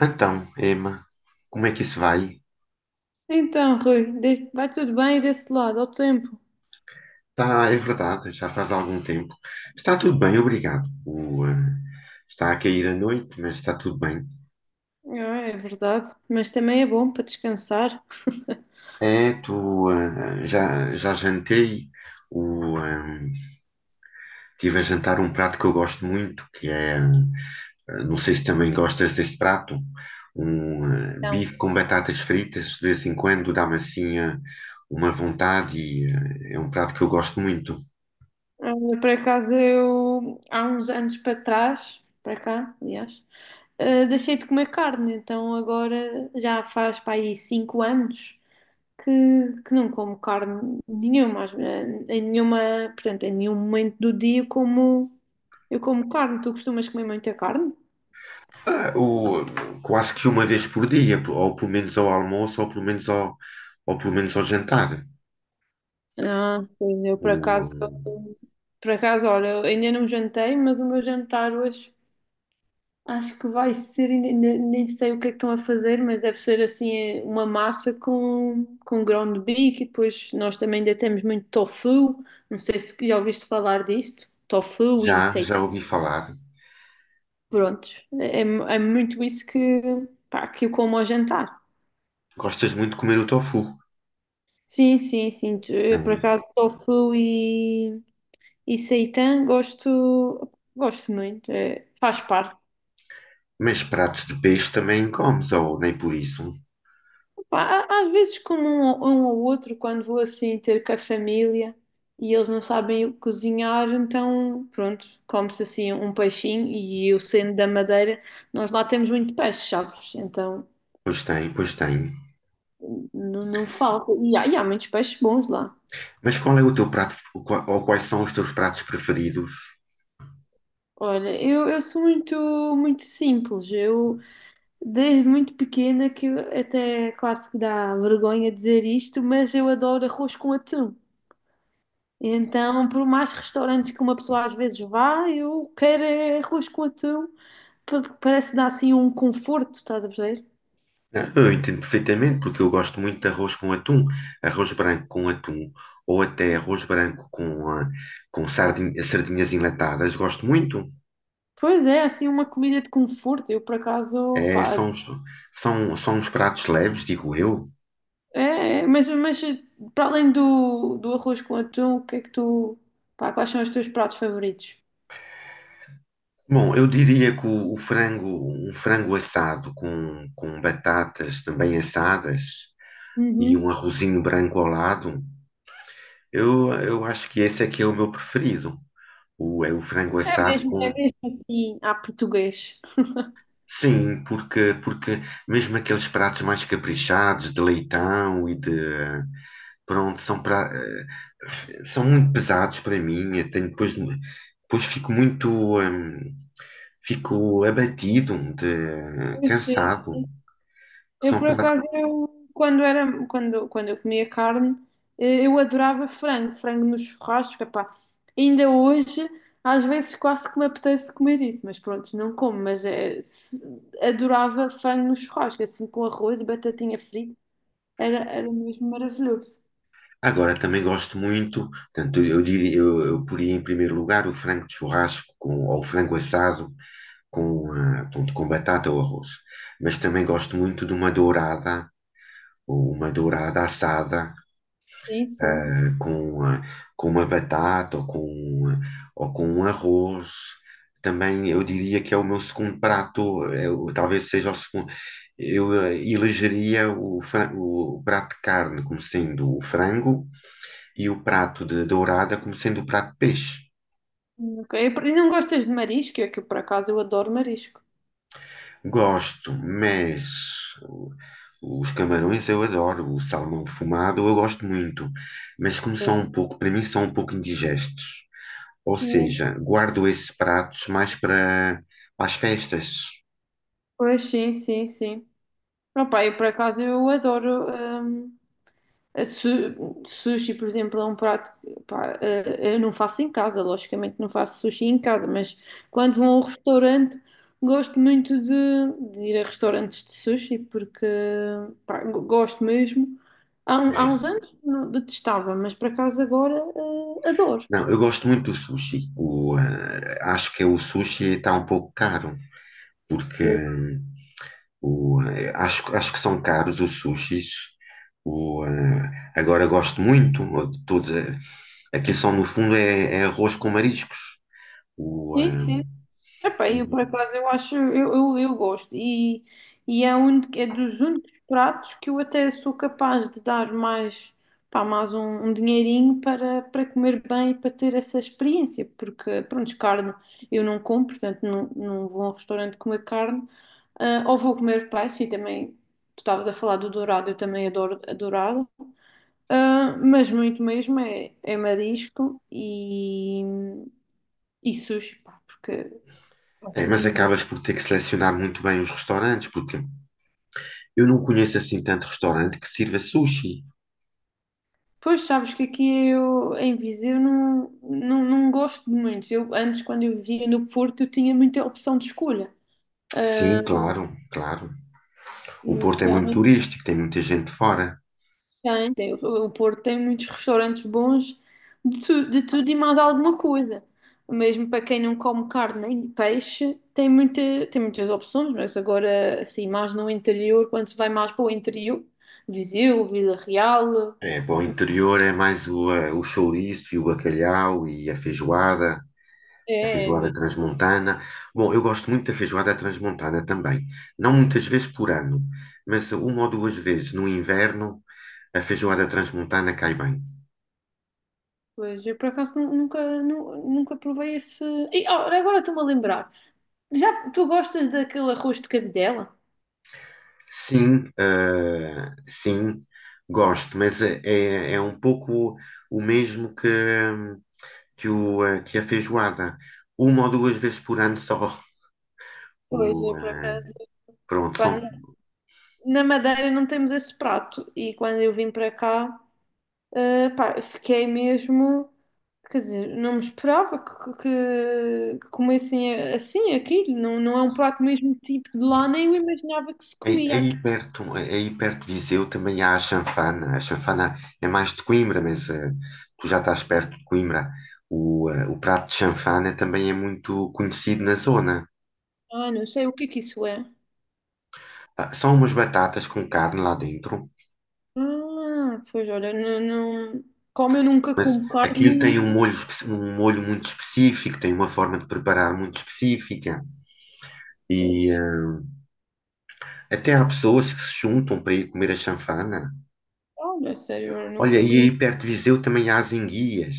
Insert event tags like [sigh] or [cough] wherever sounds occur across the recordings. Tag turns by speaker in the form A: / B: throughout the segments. A: Então, Emma, como é que isso vai?
B: Então, Rui, vai tudo bem desse lado, ao tempo.
A: Está, é verdade, já faz algum tempo. Está tudo bem, obrigado. Está a cair a noite, mas está tudo bem.
B: Ah, é verdade, mas também é bom para descansar. [laughs]
A: É, tu, já jantei, o, eh, tive a jantar um prato que eu gosto muito, que é, não sei se também gostas deste prato, um
B: Não.
A: bife com batatas fritas, de vez em quando dá-me assim uma vontade e é um prato que eu gosto muito.
B: Ah, por acaso, eu, há uns anos para trás, para cá, aliás, ah, deixei de comer carne, então agora já faz para aí 5 anos que, que não como carne nenhuma, em nenhuma, portanto, em nenhum momento do dia eu como carne. Tu costumas comer muita carne?
A: Ah, o, quase que uma vez por dia, ou pelo menos ao almoço, ou pelo menos ao jantar.
B: Ah, pois eu
A: O,
B: por acaso, olha, eu ainda não jantei, mas o meu jantar hoje acho que vai ser, nem sei o que é que estão a fazer, mas deve ser assim uma massa com ground beef e depois nós também ainda temos muito tofu, não sei se já ouviste falar disto, tofu e sei,
A: já ouvi falar.
B: pronto, é, é é muito isso que eu como ao jantar.
A: Gostas muito de comer o tofu,
B: Sim, sim, sim, por
A: né?
B: acaso tofu e seitã gosto, gosto muito, eh, faz parte.
A: Mas pratos de peixe também comes, ou nem por isso?
B: Pá, há- às vezes como um, um ou outro, quando vou assim ter com a família e eles não sabem o que cozinhar, então pronto, come-se assim um peixinho e eu sendo da Madeira, nós lá temos muito peixe, sabes? Então
A: Pois tem, pois tem.
B: não falta. E há muitos peixes bons lá.
A: Mas qual é o teu prato, ou quais são os teus pratos preferidos?
B: Olha, eu sou muito simples, eu... Desde muito pequena que eu até quase que dá vergonha dizer isto, mas eu adoro arroz com atum. Então, por mais restaurantes que uma pessoa às vezes vá, eu quero é arroz com atum, porque parece dar assim um conforto, estás a perceber?
A: Ah, eu entendo perfeitamente, porque eu gosto muito de arroz com atum, arroz branco com atum, ou até
B: Sim.
A: arroz branco com, ah, com sardinhas enlatadas, gosto muito.
B: Pois é, assim uma comida de conforto. Eu por acaso,
A: É,
B: pá,
A: são, uns- são, são uns pratos leves, digo eu.
B: mas para além do arroz com atum, o que é que quais são os teus pratos favoritos?
A: Bom, eu diria que o frango, um frango assado com batatas também assadas e um
B: Uhum.
A: arrozinho branco ao lado, eu acho que esse aqui é o meu preferido. O, é o frango assado
B: É
A: com.
B: mesmo assim, à português.
A: Sim, porque, porque mesmo aqueles pratos mais caprichados, de leitão e de. Pronto, são, pra, são muito pesados para mim. Eu tenho, depois, depois fico muito. Fico abatido, de,
B: Pois sim.
A: cansado.
B: Eu,
A: São
B: por
A: pratos.
B: acaso, eu, quando era, quando, quando eu comia carne, eh, eu adorava frango, frango no churrasco, epá. Ainda hoje, às vezes quase que me apetece comer isso, mas pronto, não como, mas adorava frango no churrasco, assim com arroz e batatinha frita, era mesmo maravilhoso.
A: Agora, também gosto muito. Portanto, eu diria, eu poria em primeiro lugar o frango de churrasco com, ou o frango assado com, ah, pronto, com batata ou arroz. Mas também gosto muito de uma dourada ou uma dourada assada
B: Sim, sim.
A: com, ah, com uma batata ou com, ah, ou com um arroz. Também eu diria que é o meu segundo prato, talvez seja o segundo. Eu elegeria o prato de carne como sendo o frango e o prato de dourada como sendo o prato de peixe.
B: E não gostas de marisco? É que por acaso eu adoro marisco.
A: Gosto, mas o- os camarões eu adoro, o salmão fumado eu gosto muito, mas como são um pouco, para mim são um pouco indigestos. Ou
B: Sim.
A: seja, guardo esses pratos mais para, para as festas.
B: Pois sim, sim, sim. Opa, eu por acaso eu adoro. hum, Sushi, por exemplo, é um prato que eu não faço em casa, logicamente não faço sushi em casa, mas quando vou a um restaurante, gosto muito de ir a restaurantes de sushi porque gosto mesmo. Há
A: É.
B: uns anos detestava, mas por acaso agora adoro.
A: Não, eu gosto muito do sushi. Acho que o sushi está um pouco caro, porque acho, acho que são caros os sushis. Agora gosto muito, de tudo, eh, aquilo só no fundo é, é arroz com mariscos. O,
B: Sim,
A: eh,
B: sim. Epá, eu por
A: e-
B: acaso eu acho, eu gosto e é, é dos únicos pratos que eu até sou capaz de dar mais um dinheirinho para comer bem e para ter essa experiência, porque pronto, carne eu não como, portanto não, não vou a um restaurante comer carne, ah, ou vou comer peixe e também, tu estavas a falar do dourado, eu também adoro a dourada, ah, mas muito mesmo é marisco e sushi, pá, porque acho
A: mas
B: mesmo bom.
A: acabas por ter que selecionar muito bem os restaurantes, porque eu não conheço assim tanto restaurante que sirva sushi.
B: Pois sabes que aqui eu, em Viseu não gosto de muitos. Eu, antes, quando eu vivia no Porto, eu tinha muita opção de escolha. Ah,
A: Sim, claro, claro. O
B: mas
A: Porto é muito
B: realmente
A: turístico, tem muita gente fora.
B: tem, tem. O Porto tem muitos restaurantes bons de tudo e mais alguma coisa. Mesmo para quem não come carne nem peixe, tem muitas opções, mas agora, assim, mais no interior, quando se vai mais para o interior, Viseu, Vila Real,
A: É, para o interior é mais o chouriço e o bacalhau e a feijoada
B: é.
A: transmontana. Bom, eu gosto muito da feijoada transmontana também. Não muitas vezes por ano, mas uma ou duas vezes no inverno a feijoada transmontana cai bem.
B: Pois, eu por acaso nunca provei esse. E, ó, agora estou-me a lembrar. Já tu gostas daquele arroz de cabidela?
A: Sim, sim, gosto, mas é um pouco o mesmo que a feijoada, uma ou duas vezes por ano só.
B: Pois,
A: O,
B: eu por
A: eh,
B: acaso,
A: Pronto,
B: pá,
A: são,
B: na Madeira não temos esse prato e quando eu vim para cá, pá, fiquei mesmo. Quer dizer, não me esperava que comessem assim aquilo. Não, não é um prato mesmo tipo de lá, nem eu imaginava que se
A: aí,
B: comia aqui.
A: aí perto de Viseu também há a chanfana. A chanfana é mais de Coimbra, mas tu já estás perto de Coimbra. O prato de chanfana também é muito conhecido na zona.
B: Ah, não sei o que é que isso é.
A: Ah, são umas batatas com carne lá dentro,
B: Ah, pois olha, não- como eu nunca
A: mas
B: como
A: aquilo
B: carne.
A: tem um molho, um molho muito específico, tem uma forma de preparar muito específica. E até há pessoas que se juntam para ir comer a chanfana.
B: Olha, sério, eu nunca
A: Olha, e
B: tinha.
A: aí perto de Viseu também há as enguias,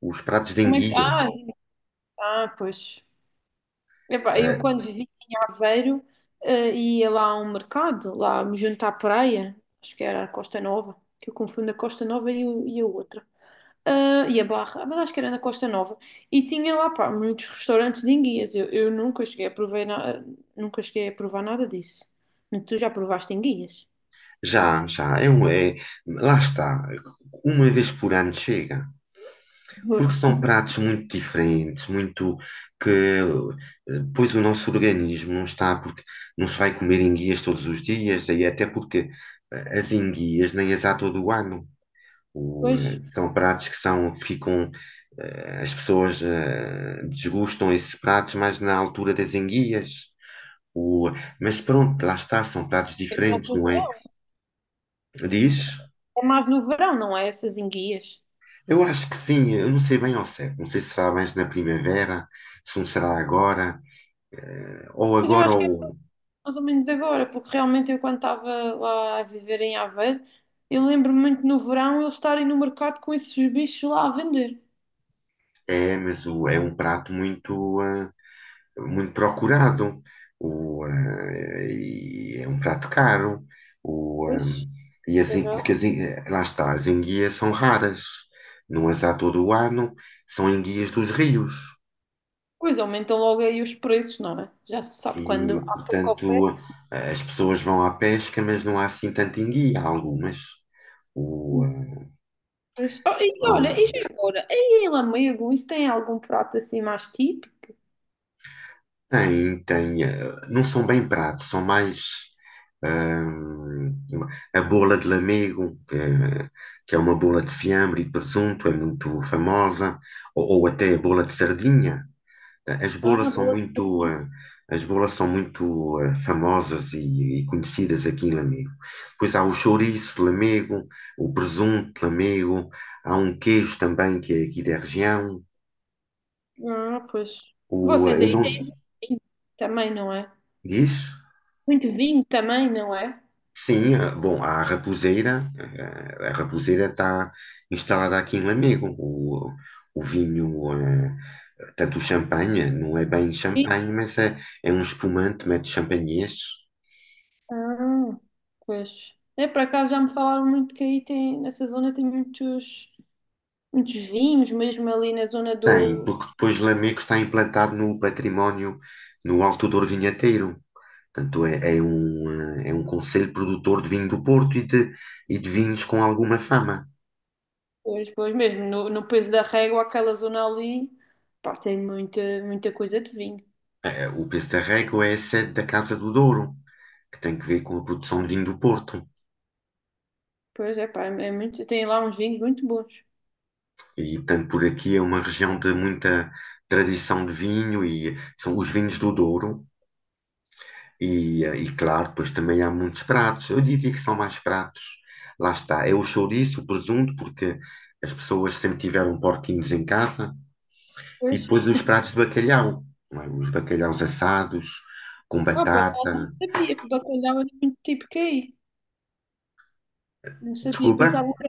A: os pratos de
B: Como é que.
A: enguias.
B: Ah, sim. Ah, pois. Epá, eu
A: Eh,
B: quando vivi em Aveiro, eh, ia lá a um mercado, lá me junto à praia, acho que era a Costa Nova, que eu confundo a Costa Nova e a outra. Ah, e a Barra, ah, mas acho que era na Costa Nova. E tinha lá, pá, muitos restaurantes de enguias. Eu nunca cheguei a provar, nunca cheguei a provar nada disso. Tu já provaste enguias?
A: já, é um, é, lá está, uma vez por ano chega, porque
B: Pois.
A: são pratos muito diferentes, muito que pois o nosso organismo não está, porque não se vai comer enguias todos os dias, aí até porque as enguias nem as há todo o ano.
B: Pois.
A: São pratos que são, que ficam, eh, as pessoas eh, desgustam esses pratos mais na altura das enguias. O... Mas pronto, lá está, são pratos
B: É mais
A: diferentes,
B: no
A: não é?
B: verão,
A: Diz?
B: é mais no verão, não é essas enguias.
A: Eu acho que sim, eu não sei bem ao certo. Não sei se será mais na primavera, se não será agora, ou
B: Mas eu
A: agora
B: acho
A: ou.
B: mais ou menos agora, porque realmente eu quando estava lá a viver em Aveiro, eu lembro-me muito no verão eles estarem no mercado com esses bichos lá a vender.
A: É, mas o... é um prato muito, ah, muito procurado. O, ah, e é um prato caro. O, ah,
B: Pois,
A: e
B: agora-
A: porque lá está, as enguias são raras. Não as há todo o ano, são enguias dos rios.
B: pois aumentam logo aí os preços, não é? Já se sabe quando
A: E,
B: há pouca
A: portanto,
B: oferta.
A: as pessoas vão à pesca, mas não há assim tanta enguia, há algumas. O,
B: Pois, oh,
A: ah,
B: e olha,
A: vão-
B: e já agora? Aí em Lamego, isso tem algum prato assim mais típico?
A: Tem, tem, ah, não são bem pratos, são mais ah, a bola de lamego, que é uma bola de fiambre e presunto, é muito famosa, ou até a bola de sardinha. As
B: Ah,
A: bolas são
B: boa.
A: muito, eh, as bolas são muito eh, famosas e conhecidas aqui em Lamego. Pois há o chouriço de Lamego, o presunto de Lamego, há um queijo também que é aqui da região.
B: Ah, pois. Vocês
A: Eu
B: aí
A: não
B: têm vinho também, não é?
A: diz?
B: Muito vinho também, não é?
A: Sim, bom, há a Raposeira. A Raposeira está instalada aqui em Lamego. O vinho, eh, tanto o champanhe, não é bem champanhe, mas é, é um espumante, mete champanhês.
B: Ah, pois. É, por acaso já me falaram muito que aí nessa zona tem muitos vinhos, mesmo ali na zona
A: Tem,
B: do.
A: porque depois Lamego está implantado no património, no Alto Douro Vinhateiro. Portanto, é, é um conselho produtor de vinho do Porto e de vinhos com alguma fama.
B: Pois, pois mesmo, no Peso da Régua, aquela zona ali, pá, tem muita coisa de vinho.
A: O Pestarrego é a sede da Casa do Douro, que tem que ver com a produção de vinho do Porto.
B: Pois é, pá, é muito, tem lá uns vinhos muito bons.
A: E, portanto, por aqui é uma região de muita tradição de vinho e são os vinhos do Douro. E, e claro, pois também há muitos pratos. Eu diria que são mais pratos. Lá está, é o chouriço, o presunto, porque as pessoas sempre tiveram porquinhos em casa. E
B: Pois,
A: depois os pratos de bacalhau, não é? Os bacalhaus assados, com
B: pá, por acaso não
A: batata.
B: sabia que bacalhau era muito típico aí. Não sabia,
A: Desculpa?
B: pensava que,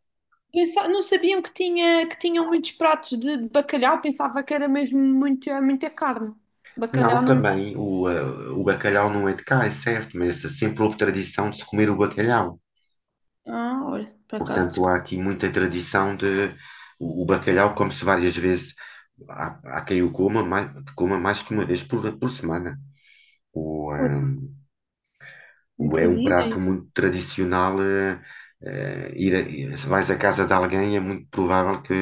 B: pensa- não sabiam que que tinham muitos pratos de bacalhau, pensava que era mesmo muita carne. Bacalhau
A: Não,
B: não.
A: também o bacalhau não é de cá, é certo, mas sempre houve tradição de se comer o bacalhau.
B: Ah, olha, por acaso
A: Portanto, há aqui muita tradição de. O bacalhau come-se várias vezes. Há, há quem o coma mais que uma vez por semana. O,
B: desconheço.
A: ehm,
B: Não
A: o é um
B: fazia
A: prato
B: ideia.
A: muito tradicional. Ir se vais à casa de alguém, é muito provável que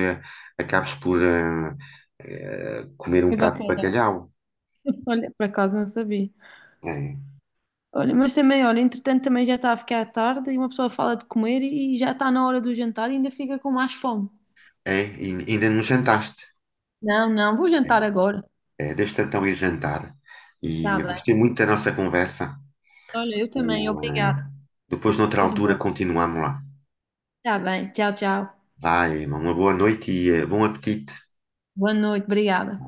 A: acabes por comer um
B: É
A: prato de
B: bacana.
A: bacalhau.
B: [laughs] Olha, por acaso não sabia.
A: É,
B: Olha, mas também, olha, entretanto também já está a ficar tarde e uma pessoa fala de comer e já está na hora do jantar e ainda fica com mais fome.
A: é, e ainda não jantaste.
B: Não, não, vou
A: É,
B: jantar agora.
A: é, deixa-te então ir jantar. E
B: Tá
A: eu gostei
B: bem.
A: muito da nossa conversa.
B: Olha, eu também,
A: O, eh,
B: obrigada.
A: Depois, noutra
B: Tudo
A: altura,
B: bom.
A: continuamos lá.
B: Tá bem, tchau, tchau.
A: Vai, uma boa noite e bom apetite.
B: Boa noite, obrigada.